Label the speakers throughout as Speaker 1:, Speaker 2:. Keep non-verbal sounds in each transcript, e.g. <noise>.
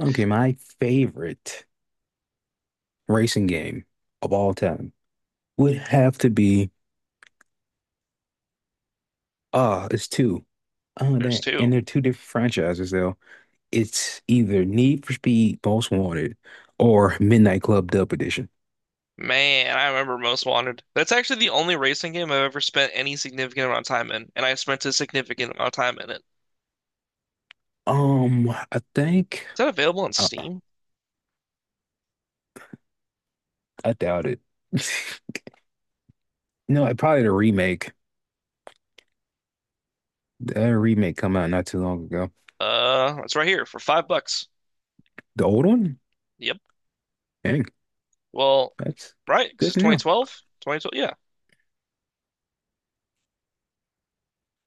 Speaker 1: Okay, my favorite racing game of all time would have to be it's two. Oh,
Speaker 2: There's
Speaker 1: that
Speaker 2: two.
Speaker 1: and they're two different franchises though. It's either Need for Speed Most Wanted or Midnight Club Dub Edition.
Speaker 2: Man, I remember Most Wanted. That's actually the only racing game I've ever spent any significant amount of time in, and I spent a significant amount of time in it. Is
Speaker 1: Um, I think
Speaker 2: that available on
Speaker 1: uh,
Speaker 2: Steam?
Speaker 1: I doubt it. <laughs> No, probably the remake. The remake come out not too long ago.
Speaker 2: It's right here for $5.
Speaker 1: The old one?
Speaker 2: Yep.
Speaker 1: Dang,
Speaker 2: Well,
Speaker 1: that's
Speaker 2: right, 'cause
Speaker 1: good
Speaker 2: it's
Speaker 1: to know.
Speaker 2: 2012? 2012, yeah.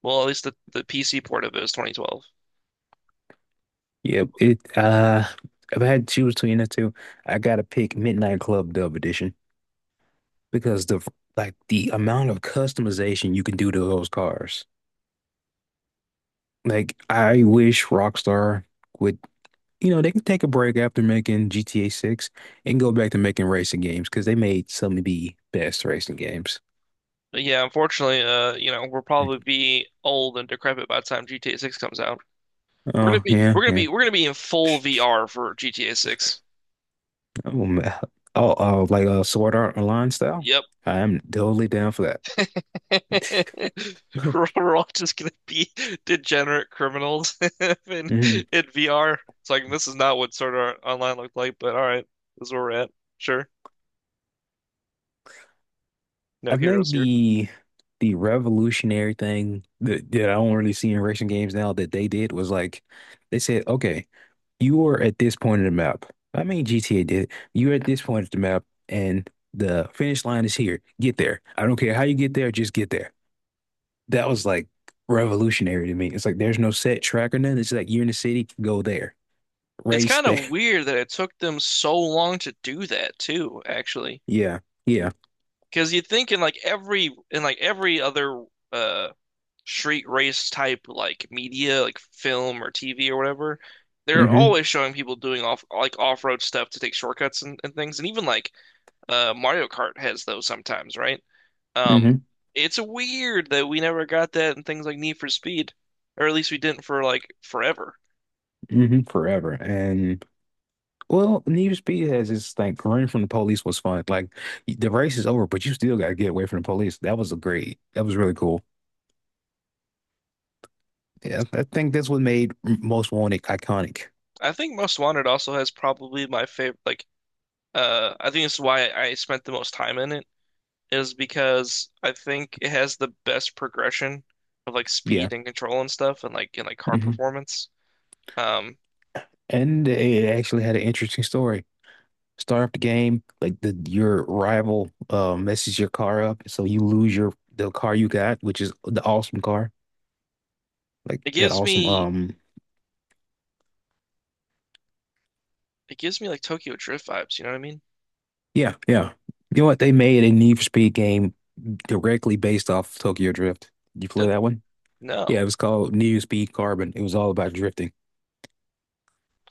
Speaker 2: Well, at least the PC port of it is 2012.
Speaker 1: Yeah, it if I had to choose between the two, I gotta pick Midnight Club Dub Edition because the amount of customization you can do to those cars. Like I wish Rockstar would, they can take a break after making GTA 6 and go back to making racing games because they made some of the best racing games.
Speaker 2: But yeah, unfortunately, you know, we'll probably be old and decrepit by the time GTA 6 comes out.
Speaker 1: Oh yeah, yeah.
Speaker 2: We're gonna be in full VR for GTA 6.
Speaker 1: Oh, man. Oh, like a Sword Art Online style.
Speaker 2: Yep.
Speaker 1: I'm totally down for that.
Speaker 2: <laughs> We're all just gonna be degenerate criminals <laughs>
Speaker 1: <laughs>
Speaker 2: in
Speaker 1: Mhm.
Speaker 2: in VR. It's like this is not what sort of Online looked like, but all right, this is where we're at. Sure, no
Speaker 1: I
Speaker 2: heroes
Speaker 1: think
Speaker 2: here.
Speaker 1: the revolutionary thing that I don't really see in racing games now that they did was like they said, okay, you are at this point in the map. I mean GTA did. You're at this point of the map and the finish line is here. Get there. I don't care how you get there, just get there. That was like revolutionary to me. It's like there's no set track or nothing. It's like you're in the city, go there.
Speaker 2: It's
Speaker 1: Race
Speaker 2: kind
Speaker 1: there.
Speaker 2: of
Speaker 1: <laughs>
Speaker 2: weird that it took them so long to do that too, actually,
Speaker 1: Yeah. Yeah.
Speaker 2: because you'd think in like every other uh street race type like media, like film or TV or whatever, they're
Speaker 1: hmm
Speaker 2: always showing people doing off like off-road stuff to take shortcuts and things, and even like Mario Kart has those sometimes, right? Um,
Speaker 1: hmm
Speaker 2: it's weird that we never got that in things like Need for Speed, or at least we didn't for like forever.
Speaker 1: Forever. And Well, Need for Speed has this like running from the police was fun. Like the race is over, but you still got to get away from the police. That was a great. That was really cool. Yeah, I think that's what made Most Wanted iconic.
Speaker 2: I think Most Wanted also has probably my favorite. Like, I think this is why I spent the most time in it is because I think it has the best progression of like
Speaker 1: Yeah,
Speaker 2: speed and control and stuff, and like car
Speaker 1: hmm
Speaker 2: performance. Um,
Speaker 1: And it actually had an interesting story. Start up the game, like the your rival messes your car up, so you lose your the car you got, which is the awesome car, like
Speaker 2: it
Speaker 1: that
Speaker 2: gives
Speaker 1: awesome.
Speaker 2: me it gives me like Tokyo Drift vibes. You know what I mean?
Speaker 1: Yeah, yeah. You know what? They made a Need for Speed game directly based off Tokyo Drift. You play
Speaker 2: Did
Speaker 1: that one? Yeah,
Speaker 2: no,
Speaker 1: it was called Near Speed Carbon. It was all about drifting.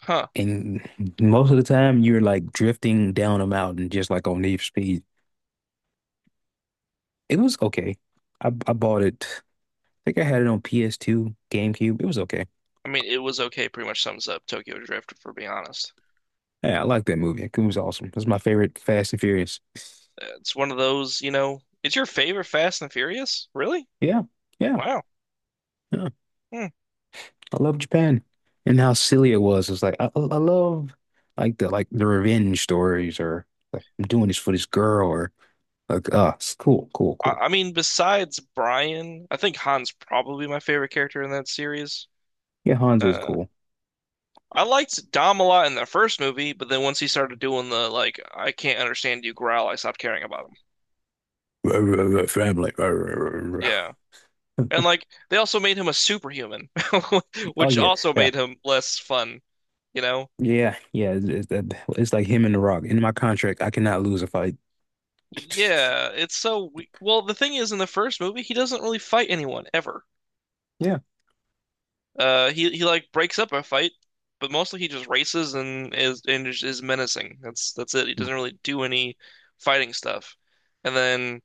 Speaker 2: huh?
Speaker 1: And most of the time you're like drifting down a mountain just like on Need for Speed. It was okay. I bought it. I think I had it on PS2, GameCube. It was okay.
Speaker 2: I mean, it was okay. Pretty much sums up Tokyo Drift, for being honest.
Speaker 1: Yeah, I like that movie. It was awesome. It's my favorite Fast and Furious.
Speaker 2: It's one of those, you know. It's your favorite Fast and Furious? Really?
Speaker 1: Yeah, yeah,
Speaker 2: Wow.
Speaker 1: yeah.
Speaker 2: Hmm.
Speaker 1: I love Japan and how silly it was. It's like I love like the revenge stories or like I'm doing this for this girl or like it's cool, cool,
Speaker 2: I,
Speaker 1: cool.
Speaker 2: I mean, besides Brian, I think Han's probably my favorite character in that series.
Speaker 1: Yeah, Hanzo is
Speaker 2: Uh,
Speaker 1: cool.
Speaker 2: I liked Dom a lot in the first movie, but then once he started doing the like, I can't understand you growl, I stopped caring about him.
Speaker 1: Family.
Speaker 2: Yeah. And like they also made him a superhuman, <laughs>
Speaker 1: Oh
Speaker 2: which
Speaker 1: yeah,
Speaker 2: also
Speaker 1: yeah,
Speaker 2: made him less fun, you know?
Speaker 1: yeah, yeah. It's it's like him and The Rock. In my contract, I cannot lose a fight. <laughs>
Speaker 2: Yeah, it's so we well, the thing is in the first movie, he doesn't really fight anyone ever.
Speaker 1: Yeah.
Speaker 2: He like breaks up a fight, but mostly he just races and is menacing. That's it. He doesn't really do any fighting stuff. And then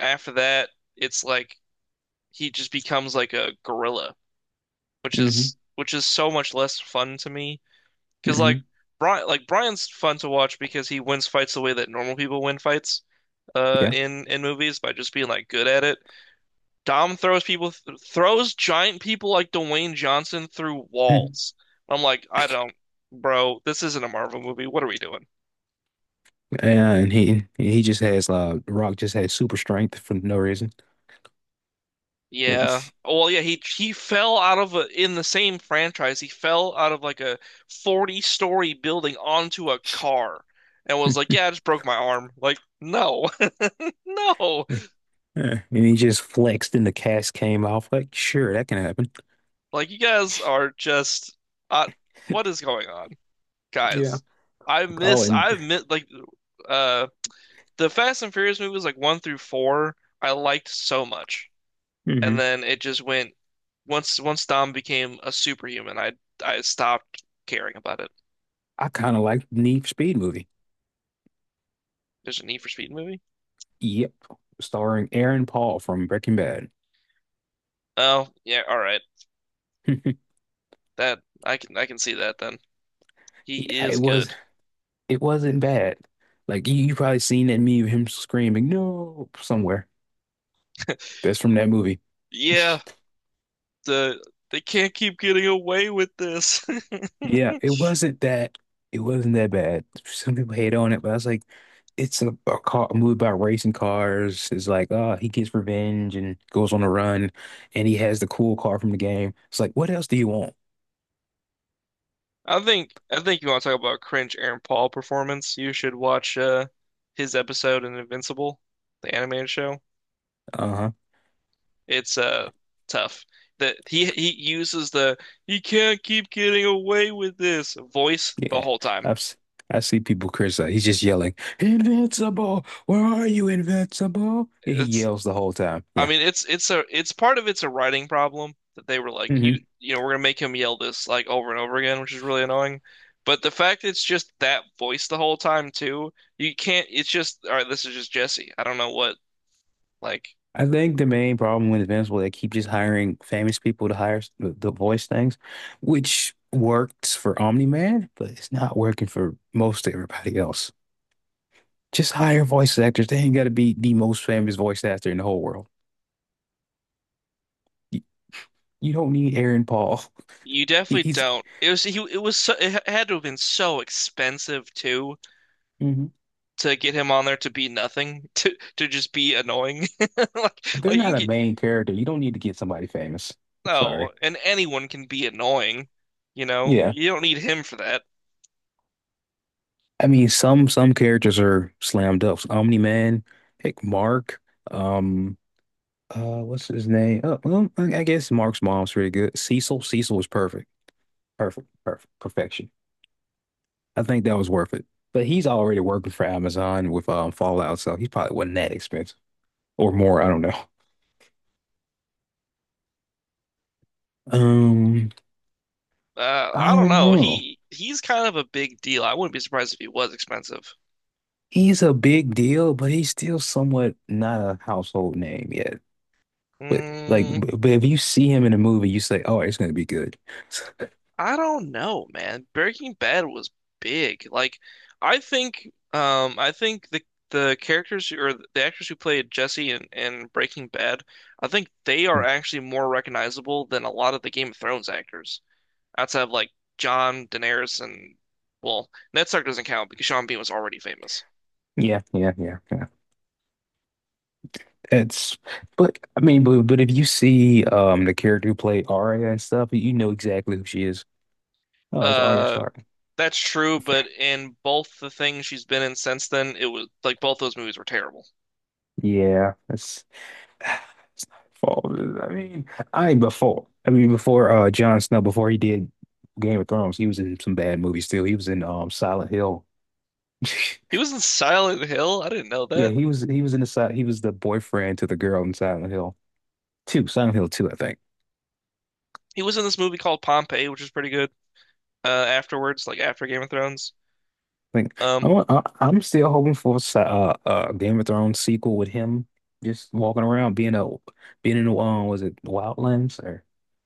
Speaker 2: after that, it's like he just becomes like a gorilla,
Speaker 1: hmm
Speaker 2: which is so much less fun to me. Because like
Speaker 1: hmm
Speaker 2: Brian's fun to watch because he wins fights the way that normal people win fights
Speaker 1: Yeah.
Speaker 2: in movies by just being like good at it. Dom throws people th throws giant people like Dwayne Johnson through
Speaker 1: Hmm.
Speaker 2: walls. I'm like, I don't, bro, this isn't a Marvel movie. What are we doing?
Speaker 1: And he just has The Rock just has super strength for no reason. Yeah.
Speaker 2: Yeah. He fell out of a, in the same franchise. He fell out of like a 40-story building onto a car and was like,
Speaker 1: <laughs>
Speaker 2: "Yeah, I just broke my arm." Like, no. <laughs> No.
Speaker 1: Yeah. And he just flexed and the cast came off. Like, sure, that can happen.
Speaker 2: Like you guys are just uh, what is going on?
Speaker 1: Yeah.
Speaker 2: Guys,
Speaker 1: Oh, and
Speaker 2: I miss like uh the Fast and Furious movies, like one through four, I liked so much, and
Speaker 1: hmm
Speaker 2: then it just went once Dom became a superhuman, I stopped caring about it.
Speaker 1: I kind of like Need for Speed movie.
Speaker 2: There's a Need for Speed movie.
Speaker 1: Yep. Starring Aaron Paul from Breaking Bad.
Speaker 2: Oh yeah, all right.
Speaker 1: <laughs>
Speaker 2: That I can see that then. He
Speaker 1: Yeah, it
Speaker 2: is
Speaker 1: was
Speaker 2: good.
Speaker 1: It wasn't bad. Like you probably seen that meme of him screaming no somewhere.
Speaker 2: <laughs>
Speaker 1: That's from that movie.
Speaker 2: Yeah, the they can't keep getting away with this. <laughs>
Speaker 1: Yeah, it wasn't that. It wasn't that bad. Some people hate on it, but I was like, it's a movie about racing cars. It's like, oh, he gets revenge and goes on a run, and he has the cool car from the game. It's like, what else do you want?
Speaker 2: I think you want to talk about cringe Aaron Paul performance. You should watch his episode in Invincible, the animated show.
Speaker 1: Uh-huh.
Speaker 2: It's tough. That He uses the "he can't keep getting away with this" voice the
Speaker 1: Yeah,
Speaker 2: whole time.
Speaker 1: I've s- I see people criticize. He's just yelling, "Invincible! Where are you, Invincible?" And he
Speaker 2: It's
Speaker 1: yells the whole time.
Speaker 2: I
Speaker 1: Yeah.
Speaker 2: mean it's part of it's a writing problem that they were like
Speaker 1: Mm-hmm.
Speaker 2: you know we're gonna make him yell this like over and over again, which is really annoying. But the fact it's just that voice the whole time too, you can't. It's just all right. This is just Jesse. I don't know what like
Speaker 1: I think the main problem with Invincible, they keep just hiring famous people to hire the voice things, which works for Omni-Man, but it's not working for most everybody else. Just hire voice actors. They ain't got to be the most famous voice actor in the whole world. You, you don't need Aaron Paul. <laughs>
Speaker 2: you
Speaker 1: He,
Speaker 2: definitely
Speaker 1: he's
Speaker 2: don't. It was he. It was so. It had to have been so expensive too
Speaker 1: mhm.
Speaker 2: to get him on there to be nothing, <laughs> to just be annoying. <laughs> Like
Speaker 1: If they're
Speaker 2: like you can
Speaker 1: not a
Speaker 2: get
Speaker 1: main character. You don't need to get somebody famous. I'm
Speaker 2: no,
Speaker 1: sorry.
Speaker 2: and anyone can be annoying, you know.
Speaker 1: Yeah,
Speaker 2: You don't need him for that.
Speaker 1: I mean some characters are slam dunks. Omni-Man, heck, Mark. Um, what's his name? Oh, well, I guess Mark's mom's pretty good. Cecil, Cecil was perfect, perfect, perfect, perfection. I think that was worth it. But he's already working for Amazon with Fallout, so he probably wasn't that expensive or more. I don't know. <laughs> Um, I
Speaker 2: I don't
Speaker 1: don't
Speaker 2: know.
Speaker 1: know.
Speaker 2: He's kind of a big deal. I wouldn't be surprised if he was expensive.
Speaker 1: He's a big deal, but he's still somewhat not a household name yet. But like,
Speaker 2: Mm,
Speaker 1: but if you see him in a movie, you say, "Oh, it's gonna be good."
Speaker 2: I don't know, man. Breaking Bad was big. Like I think the characters who- or the actors who played Jesse in Breaking Bad, I think they are
Speaker 1: <laughs>
Speaker 2: actually more recognizable than a lot of the Game of Thrones actors. Outside of like John Daenerys and well, Ned Stark doesn't count because Sean Bean was already famous.
Speaker 1: Yeah, yeah, yeah. yeah. It's, but I mean, but if you see the character who played Arya and stuff, you know exactly who she is. Oh, it's Arya
Speaker 2: Uh,
Speaker 1: Stark.
Speaker 2: that's true, but in both the things she's been in since then, it was like both those movies were terrible.
Speaker 1: Yeah, that's <sighs> it's not her fault. I mean, I mean before Jon Snow before he did Game of Thrones, he was in some bad movies too. He was in Silent Hill.
Speaker 2: He
Speaker 1: <laughs>
Speaker 2: was in Silent Hill. I didn't know
Speaker 1: Yeah,
Speaker 2: that.
Speaker 1: he was in the side. He was the boyfriend to the girl in Silent Hill 2, Silent Hill 2, I think.
Speaker 2: He was in this movie called Pompeii, which is pretty good. Afterwards, like after Game of Thrones,
Speaker 1: Like
Speaker 2: um,
Speaker 1: I'm still hoping for a Game of Thrones sequel with him just walking around being in the was it Wildlands or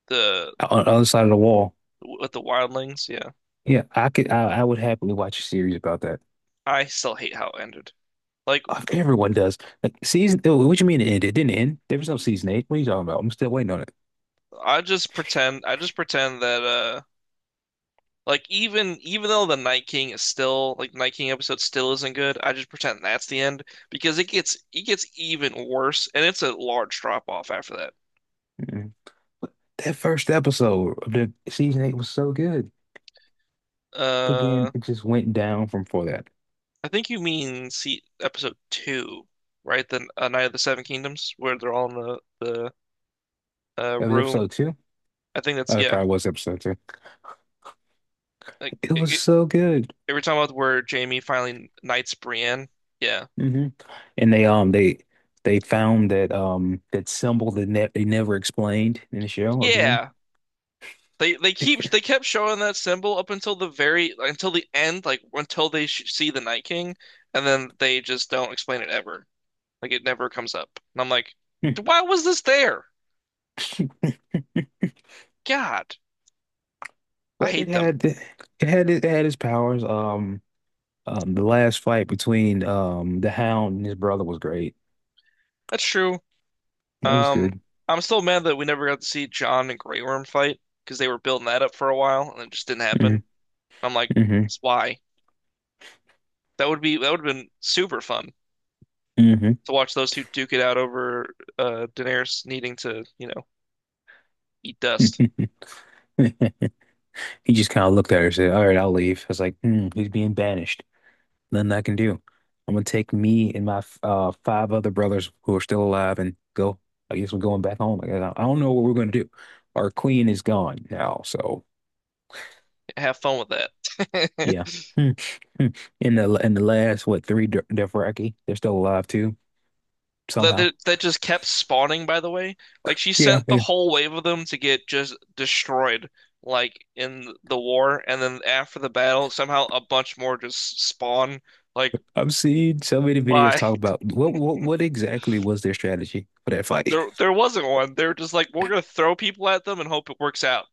Speaker 2: the
Speaker 1: on the other side of the wall.
Speaker 2: with the wildlings, yeah.
Speaker 1: Yeah, I would happily watch a series about that.
Speaker 2: I still hate how it ended. Like,
Speaker 1: Everyone does. Like season, oh, what you mean it ended? It didn't end. There was no season eight. What are you talking about? I'm still waiting on it.
Speaker 2: I just pretend that Like even though the Night King is still like Night King episode still isn't good, I just pretend that's the end because it gets even worse and it's a large drop off after that.
Speaker 1: Mm-hmm. But That first episode of the season eight was so good, but
Speaker 2: Uh,
Speaker 1: then it just went down from for that.
Speaker 2: I think you mean see episode two, right? The Night of the Seven Kingdoms where they're all in the
Speaker 1: That was
Speaker 2: room.
Speaker 1: episode two.
Speaker 2: I think that's
Speaker 1: Oh, it
Speaker 2: yeah.
Speaker 1: probably was episode two.
Speaker 2: Like
Speaker 1: It
Speaker 2: it,
Speaker 1: was
Speaker 2: it,
Speaker 1: so good.
Speaker 2: every time about where Jamie finally knights Brienne. Yeah,
Speaker 1: Hmm And they found that that symbol that ne they never explained in the show again.
Speaker 2: yeah. They keep
Speaker 1: <laughs>
Speaker 2: they kept showing that symbol up until the very until the end, like until they sh see the Night King, and then they just don't explain it ever. Like it never comes up. And I'm like,
Speaker 1: Hmm.
Speaker 2: why was this there? God, I
Speaker 1: But it
Speaker 2: hate them.
Speaker 1: had it had it had its powers. The last fight between the Hound and his brother was great.
Speaker 2: That's true.
Speaker 1: That was
Speaker 2: Um,
Speaker 1: good.
Speaker 2: I'm still mad that we never got to see Jon and Grey Worm fight because they were building that up for a while and it just didn't happen. I'm like,
Speaker 1: Mm-hmm.
Speaker 2: why? That would have been super fun to watch those two duke it out over Daenerys needing to, you know, eat dust.
Speaker 1: Mm-hmm. <laughs> He just kind of looked at her and said, All right, I'll leave. I was like, hmm, he's being banished. Nothing I can do. I'm gonna take me and my five other brothers who are still alive and go. I guess we're going back home. Like, I don't know what we're gonna do. Our queen is gone now, so
Speaker 2: Have fun with that.
Speaker 1: yeah.
Speaker 2: <laughs>
Speaker 1: Hmm. Hmm. In the last what three Dothraki, Dothraki, they're still alive too somehow.
Speaker 2: that that- just kept spawning, by the way. Like she
Speaker 1: Yeah,
Speaker 2: sent the
Speaker 1: man.
Speaker 2: whole wave of them to get just destroyed, like in the war, and then after the battle, somehow a bunch more just spawn. Like
Speaker 1: I've seen so many videos
Speaker 2: why?
Speaker 1: talk
Speaker 2: <laughs>
Speaker 1: about what exactly was their strategy for that fight. <laughs>
Speaker 2: There wasn't one. They were just like, we're gonna throw people at them and hope it works out.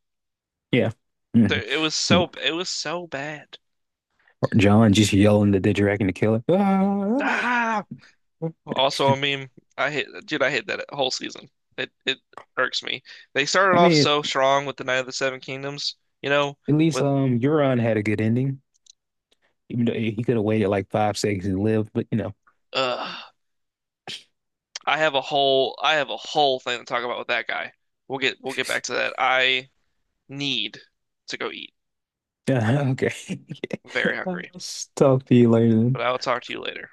Speaker 1: Yeah. Mhm.
Speaker 2: It was so bad.
Speaker 1: Or John just yelling the Didgeridoo the killer. Ah!
Speaker 2: Ah. Well, also, I mean, dude, I hate that whole season. It irks me. They
Speaker 1: <laughs>
Speaker 2: started
Speaker 1: I
Speaker 2: off
Speaker 1: mean,
Speaker 2: so strong with the Night of the Seven Kingdoms, you know,
Speaker 1: at least
Speaker 2: with
Speaker 1: Euron had a good ending, even though he could have waited like 5 seconds and lived. But you know,
Speaker 2: uh I have a whole thing to talk about with that guy. We'll get back to that. I need to go eat.
Speaker 1: <laughs> okay.
Speaker 2: I'm very
Speaker 1: <laughs> I'll
Speaker 2: hungry,
Speaker 1: talk to you later.
Speaker 2: but
Speaker 1: Then.
Speaker 2: I will talk to you later.